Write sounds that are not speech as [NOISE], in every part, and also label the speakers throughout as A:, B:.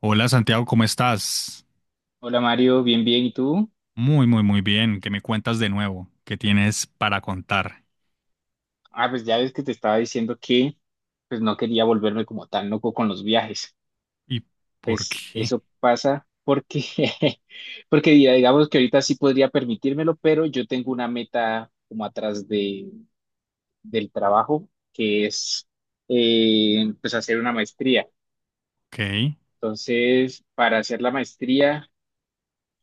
A: Hola Santiago, ¿cómo estás?
B: Hola Mario, bien, bien, ¿y tú?
A: Muy, muy, muy bien. ¿Qué me cuentas de nuevo? ¿Qué tienes para contar?
B: Ah, pues ya ves que te estaba diciendo que pues no quería volverme como tan loco con los viajes.
A: ¿Y por
B: Pues
A: qué?
B: eso pasa porque, [LAUGHS] porque digamos que ahorita sí podría permitírmelo, pero yo tengo una meta como atrás de, del trabajo, que es pues hacer una maestría.
A: Ok.
B: Entonces, para hacer la maestría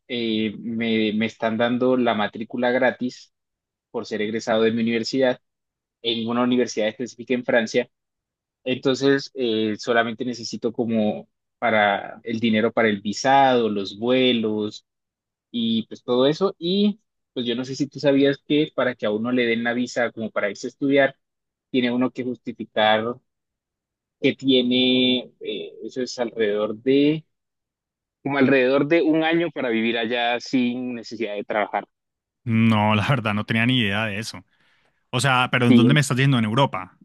B: me están dando la matrícula gratis por ser egresado de mi universidad en una universidad específica en Francia. Entonces, solamente necesito como para el dinero para el visado, los vuelos y pues todo eso. Y pues yo no sé si tú sabías que para que a uno le den la visa como para irse a estudiar, tiene uno que justificar que tiene, eso es como alrededor de un año para vivir allá sin necesidad de trabajar.
A: No, [LAUGHS] la verdad no tenía ni idea de eso. O sea, pero ¿en
B: Sí,
A: dónde me estás yendo? ¿En Europa?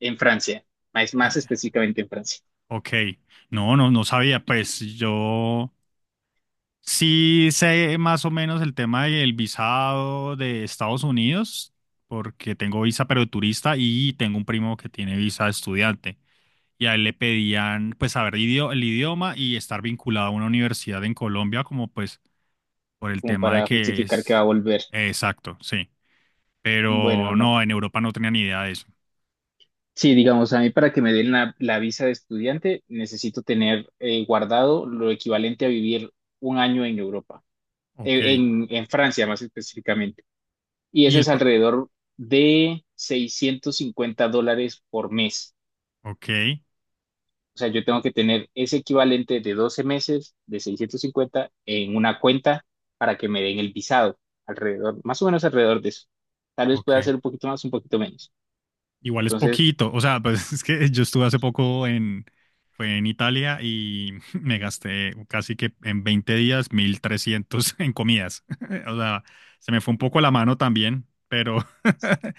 B: en Francia, más
A: Eh,
B: específicamente en Francia,
A: ok. No, no, no sabía. Pues yo sí sé más o menos el tema del visado de Estados Unidos, porque tengo visa pero de turista y tengo un primo que tiene visa de estudiante. Y a él le pedían, pues, saber el idioma y estar vinculado a una universidad en Colombia, como pues por el
B: como
A: tema de
B: para
A: que
B: justificar que va
A: es...
B: a volver.
A: exacto, sí.
B: Bueno,
A: Pero
B: no.
A: no, en Europa no tenía ni idea de eso.
B: Sí, digamos, a mí para que me den la visa de estudiante necesito tener guardado lo equivalente a vivir un año en Europa,
A: Ok.
B: en, en Francia más específicamente. Y
A: Y
B: eso
A: el
B: es
A: pro-
B: alrededor de $650 por mes.
A: ok,
B: O sea, yo tengo que tener ese equivalente de 12 meses de 650 en una cuenta para que me den el visado, alrededor, más o menos alrededor de eso. Tal vez pueda
A: ok.
B: ser un poquito más, un poquito menos.
A: Igual es
B: Entonces,
A: poquito, o sea, pues [LAUGHS] es que yo estuve hace poco en, fue en Italia y [LAUGHS] me gasté casi que en 20 días 1.300 en comidas. [LAUGHS] O sea, se me fue un poco la mano también, pero [LAUGHS]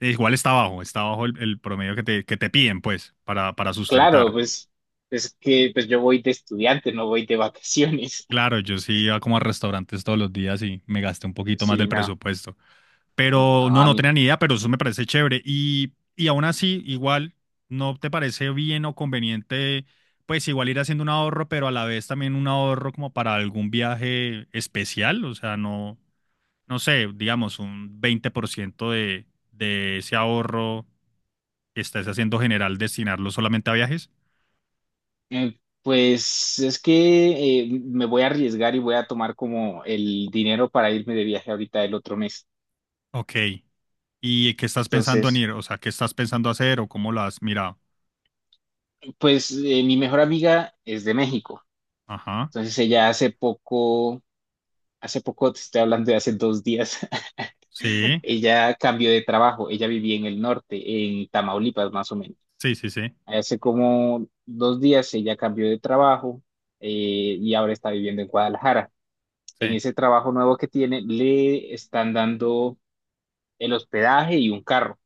A: igual está bajo el promedio que te piden, pues, para
B: Claro,
A: sustentar.
B: pues es que pues yo voy de estudiante, no voy de vacaciones. [LAUGHS]
A: Claro, yo sí iba como a restaurantes todos los días y me gasté un poquito más
B: Sí,
A: del
B: no,
A: presupuesto. Pero
B: no,
A: no,
B: a
A: no
B: mí.
A: tenía ni idea, pero eso me parece chévere. Y aún así, igual, ¿no te parece bien o conveniente, pues igual ir haciendo un ahorro, pero a la vez también un ahorro como para algún viaje especial? O sea, no, no sé, digamos, un 20% de ese ahorro que estás haciendo general, destinarlo solamente a viajes.
B: Pues es que me voy a arriesgar y voy a tomar como el dinero para irme de viaje ahorita el otro mes.
A: Ok. ¿Y qué estás pensando en
B: Entonces,
A: ir? O sea, ¿qué estás pensando hacer o cómo lo has mirado?
B: pues mi mejor amiga es de México.
A: Ajá.
B: Entonces ella hace poco te estoy hablando de hace 2 días, [LAUGHS]
A: Sí,
B: ella cambió de trabajo. Ella vivía en el norte, en Tamaulipas más o menos.
A: sí, sí, sí.
B: Hace como 2 días ella cambió de trabajo, eh, y ahora está viviendo en Guadalajara.
A: Sí.
B: En ese trabajo nuevo que tiene, le están dando el hospedaje y un carro.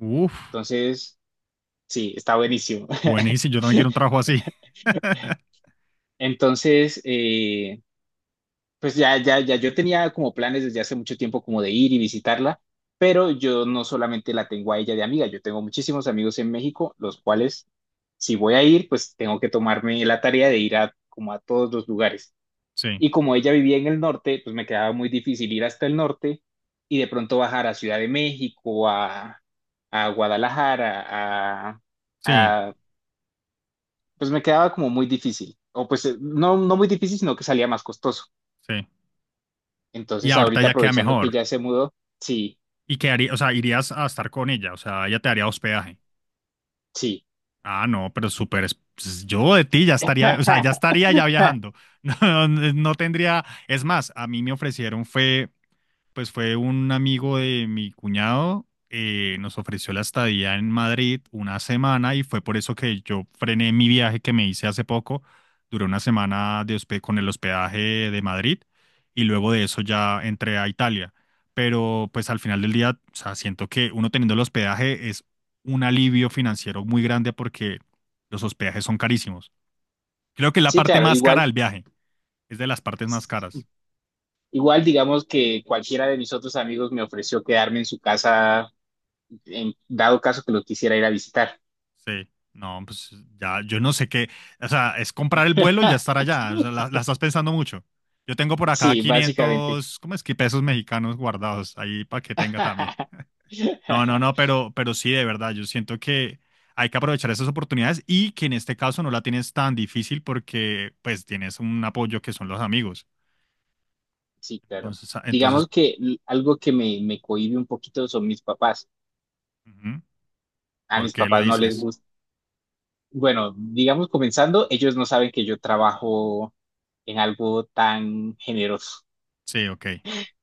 A: Uf.
B: Entonces, sí, está buenísimo.
A: Buenísimo, yo
B: [LAUGHS]
A: también quiero un trabajo así. [LAUGHS]
B: Entonces, pues ya yo tenía como planes desde hace mucho tiempo como de ir y visitarla, pero yo no solamente la tengo a ella de amiga, yo tengo muchísimos amigos en México, los cuales, si voy a ir, pues tengo que tomarme la tarea de ir a como a todos los lugares.
A: Sí,
B: Y como ella vivía en el norte, pues me quedaba muy difícil ir hasta el norte y de pronto bajar a Ciudad de México, a Guadalajara, a,
A: sí,
B: a- pues me quedaba como muy difícil. O pues no, no muy difícil, sino que salía más costoso.
A: sí. Y
B: Entonces
A: ahorita
B: ahorita
A: ya queda
B: aprovechando que
A: mejor.
B: ya se mudó, sí,
A: Y quedaría, o sea, irías a estar con ella, o sea, ella te daría hospedaje.
B: sí.
A: Ah, no, pero súper. Pues, yo de ti ya estaría, o sea, ya
B: [LAUGHS]
A: estaría ya viajando. [LAUGHS] No, no tendría. Es más, a mí me ofrecieron fue... Pues fue un amigo de mi cuñado, nos ofreció la estadía en Madrid una semana y fue por eso que yo frené mi viaje que me hice hace poco. Duré una semana de con el hospedaje de Madrid y luego de eso ya entré a Italia. Pero pues al final del día, o sea, siento que uno teniendo el hospedaje es un alivio financiero muy grande porque los hospedajes son carísimos. Creo que es la
B: Sí,
A: parte
B: claro,
A: más cara
B: igual,
A: del viaje, es de las partes más caras.
B: igual digamos que cualquiera de mis otros amigos me ofreció quedarme en su casa, en dado caso que lo quisiera ir a visitar.
A: Sí, no, pues ya, yo no sé qué, o sea, es comprar el vuelo y ya estar
B: [LAUGHS]
A: allá, o sea, la estás pensando mucho. Yo tengo por acá
B: Sí, básicamente.
A: 500, ¿cómo es que pesos mexicanos guardados ahí para que tenga también?
B: [LAUGHS]
A: No, no, no, pero sí, de verdad, yo siento que hay que aprovechar esas oportunidades y que en este caso no la tienes tan difícil porque pues tienes un apoyo que son los amigos.
B: Sí, claro.
A: Entonces, ah, entonces,
B: Digamos que algo que me cohíbe un poquito son mis papás.
A: ujú,
B: A
A: ¿por
B: mis
A: qué lo
B: papás no les
A: dices?
B: gusta. Bueno, digamos comenzando, ellos no saben que yo trabajo en algo tan generoso.
A: Sí, ok.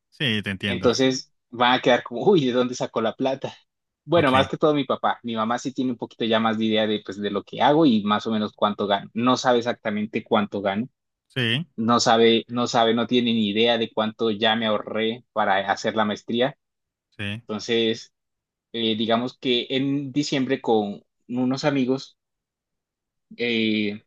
A: Sí, te entiendo.
B: Entonces van a quedar como, uy, ¿de dónde sacó la plata? [LAUGHS] Bueno, más
A: Ok.
B: que todo mi papá. Mi mamá sí tiene un poquito ya más de idea de, pues, de lo que hago y más o menos cuánto gano. No sabe exactamente cuánto gano.
A: Sí,
B: No sabe, no sabe, no tiene ni idea de cuánto ya me ahorré para hacer la maestría.
A: sí,
B: Entonces, digamos que en diciembre con unos amigos, eh,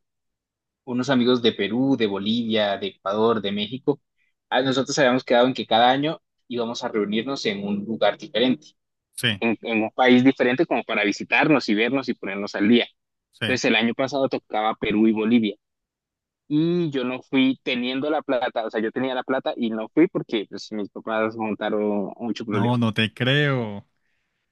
B: unos amigos de Perú, de Bolivia, de Ecuador, de México, nosotros habíamos quedado en que cada año íbamos a reunirnos en un lugar diferente,
A: sí,
B: en un país diferente como para visitarnos y vernos y ponernos al día.
A: sí.
B: Entonces, el año pasado tocaba Perú y Bolivia. Y yo no fui teniendo la plata, o sea, yo tenía la plata y no fui porque pues, mis papás montaron mucho
A: No,
B: problema.
A: no te creo.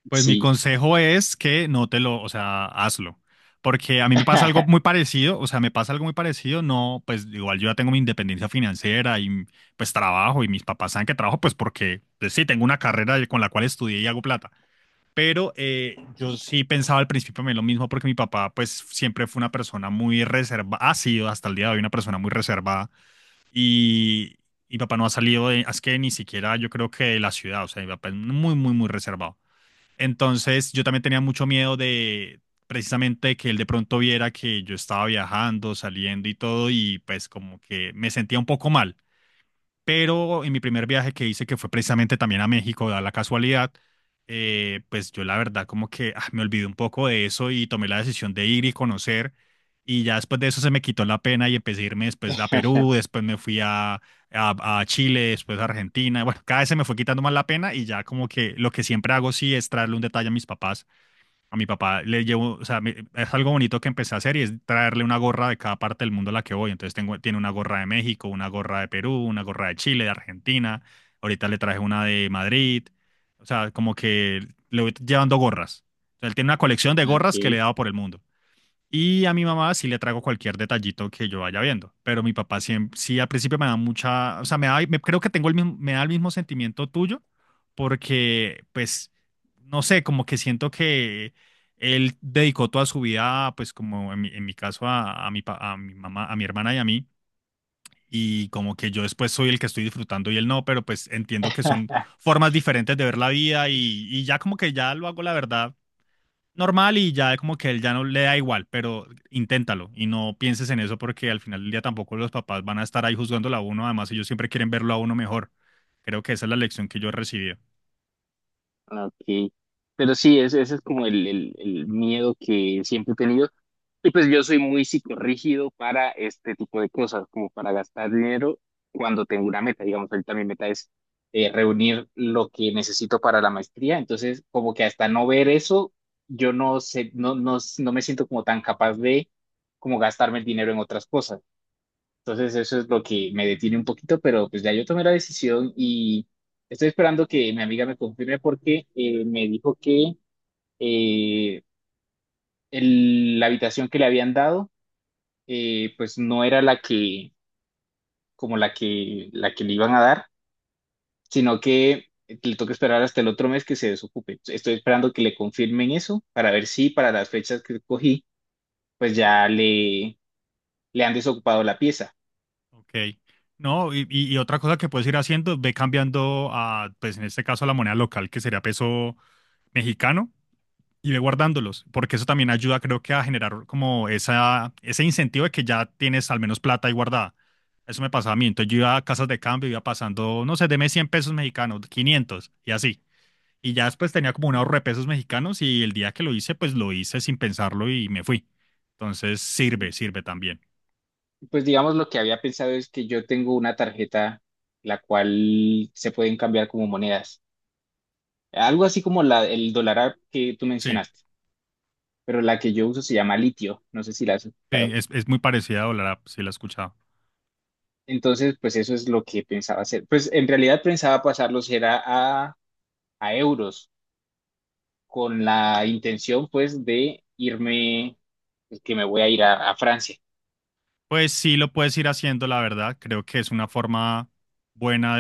A: Pues mi
B: Sí.
A: consejo es que no te lo, o sea, hazlo. Porque a mí me pasa algo muy
B: [LAUGHS]
A: parecido, o sea, me pasa algo muy parecido, no, pues igual yo ya tengo mi independencia financiera y pues trabajo y mis papás saben que trabajo, pues porque pues, sí, tengo una carrera con la cual estudié y hago plata. Pero yo sí pensaba al principio me lo mismo porque mi papá pues siempre fue una persona muy reservada, ha sido hasta el día de hoy una persona muy reservada y, y papá no ha salido de, es que ni siquiera yo creo que de la ciudad, o sea, mi papá es muy, muy, muy reservado. Entonces yo también tenía mucho miedo de precisamente que él de pronto viera que yo estaba viajando, saliendo y todo, y pues como que me sentía un poco mal. Pero en mi primer viaje que hice, que fue precisamente también a México, da la casualidad, pues yo la verdad como que ah, me olvidé un poco de eso y tomé la decisión de ir y conocer. Y ya después de eso se me quitó la pena y empecé a irme después a Perú, después me fui a, a Chile, después a Argentina. Bueno, cada vez se me fue quitando más la pena y ya como que lo que siempre hago sí es traerle un detalle a mis papás. A mi papá le llevo, o sea, es algo bonito que empecé a hacer y es traerle una gorra de cada parte del mundo a la que voy. Entonces tengo, tiene una gorra de México, una gorra de Perú, una gorra de Chile, de Argentina. Ahorita le traje una de Madrid. O sea, como que le voy llevando gorras. O sea, él tiene una colección de gorras que le he
B: Ok.
A: dado por el mundo. Y a mi mamá sí le traigo cualquier detallito que yo vaya viendo, pero mi papá siempre, sí al principio me da mucha, o sea, me da, creo que tengo el mismo, me da el mismo sentimiento tuyo, porque pues, no sé, como que siento que él dedicó toda su vida, pues como en mi caso a mi mamá, a mi hermana y a mí, y como que yo después soy el que estoy disfrutando y él no, pero pues entiendo que son formas diferentes de ver la vida y ya como que ya lo hago la verdad normal y ya como que él ya no le da igual, pero inténtalo y no pienses en eso porque al final del día tampoco los papás van a estar ahí juzgándolo a uno, además ellos siempre quieren verlo a uno mejor. Creo que esa es la lección que yo he recibido.
B: Ok, pero sí, ese es como el, el miedo que siempre he tenido. Y pues yo soy muy psicorrígido para este tipo de cosas, como para gastar dinero cuando tengo una meta. Digamos, ahorita mi meta es reunir lo que necesito para la maestría. Entonces, como que hasta no ver eso, yo no sé, no me siento como tan capaz de como gastarme el dinero en otras cosas. Entonces eso es lo que me detiene un poquito, pero pues ya yo tomé la decisión y estoy esperando que mi amiga me confirme porque me dijo que eh, la habitación que le habían dado, pues no era la que como la que le iban a dar, sino que le toca esperar hasta el otro mes que se desocupe. Estoy esperando que le confirmen eso para ver si para las fechas que cogí pues ya le han desocupado la pieza.
A: Ok. No, y otra cosa que puedes ir haciendo, ve cambiando a, pues en este caso, a la moneda local, que sería peso mexicano, y ve guardándolos, porque eso también ayuda, creo que, a generar como esa, ese incentivo de que ya tienes al menos plata ahí guardada. Eso me pasaba a mí. Entonces yo iba a casas de cambio, iba pasando, no sé, deme 100 pesos mexicanos, 500 y así. Y ya después tenía como un ahorro de pesos mexicanos y el día que lo hice, pues lo hice sin pensarlo y me fui. Entonces sirve, sirve también.
B: Pues digamos lo que había pensado es que yo tengo una tarjeta la cual se pueden cambiar como monedas. Algo así como la, el dólar app que tú
A: Sí,
B: mencionaste, pero la que yo uso se llama Litio, no sé si la has
A: sí,
B: escuchado.
A: es muy parecida a Dólar App, sí la he escuchado.
B: Entonces, pues eso es lo que pensaba hacer. Pues en realidad pensaba pasarlos era a, euros, con la intención pues de irme, pues, que me voy a ir a Francia.
A: Pues sí lo puedes ir haciendo, la verdad. Creo que es una forma buena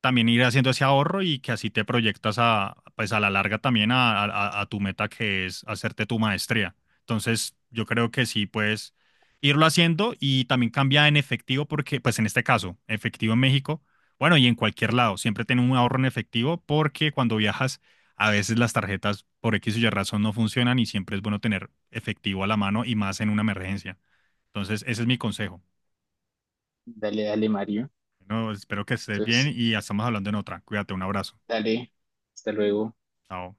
A: también ir haciendo ese ahorro y que así te proyectas a, pues a la larga también a, tu meta que es hacerte tu maestría. Entonces, yo creo que sí puedes irlo haciendo y también cambia en efectivo porque, pues en este caso, efectivo en México, bueno, y en cualquier lado, siempre ten un ahorro en efectivo porque cuando viajas, a veces las tarjetas por X o Y razón no funcionan y siempre es bueno tener efectivo a la mano y más en una emergencia. Entonces, ese es mi consejo.
B: Dale, dale, Mario.
A: Bueno, espero que estés bien
B: Entonces,
A: y ya estamos hablando en otra. Cuídate, un abrazo.
B: dale, hasta luego.
A: Chao.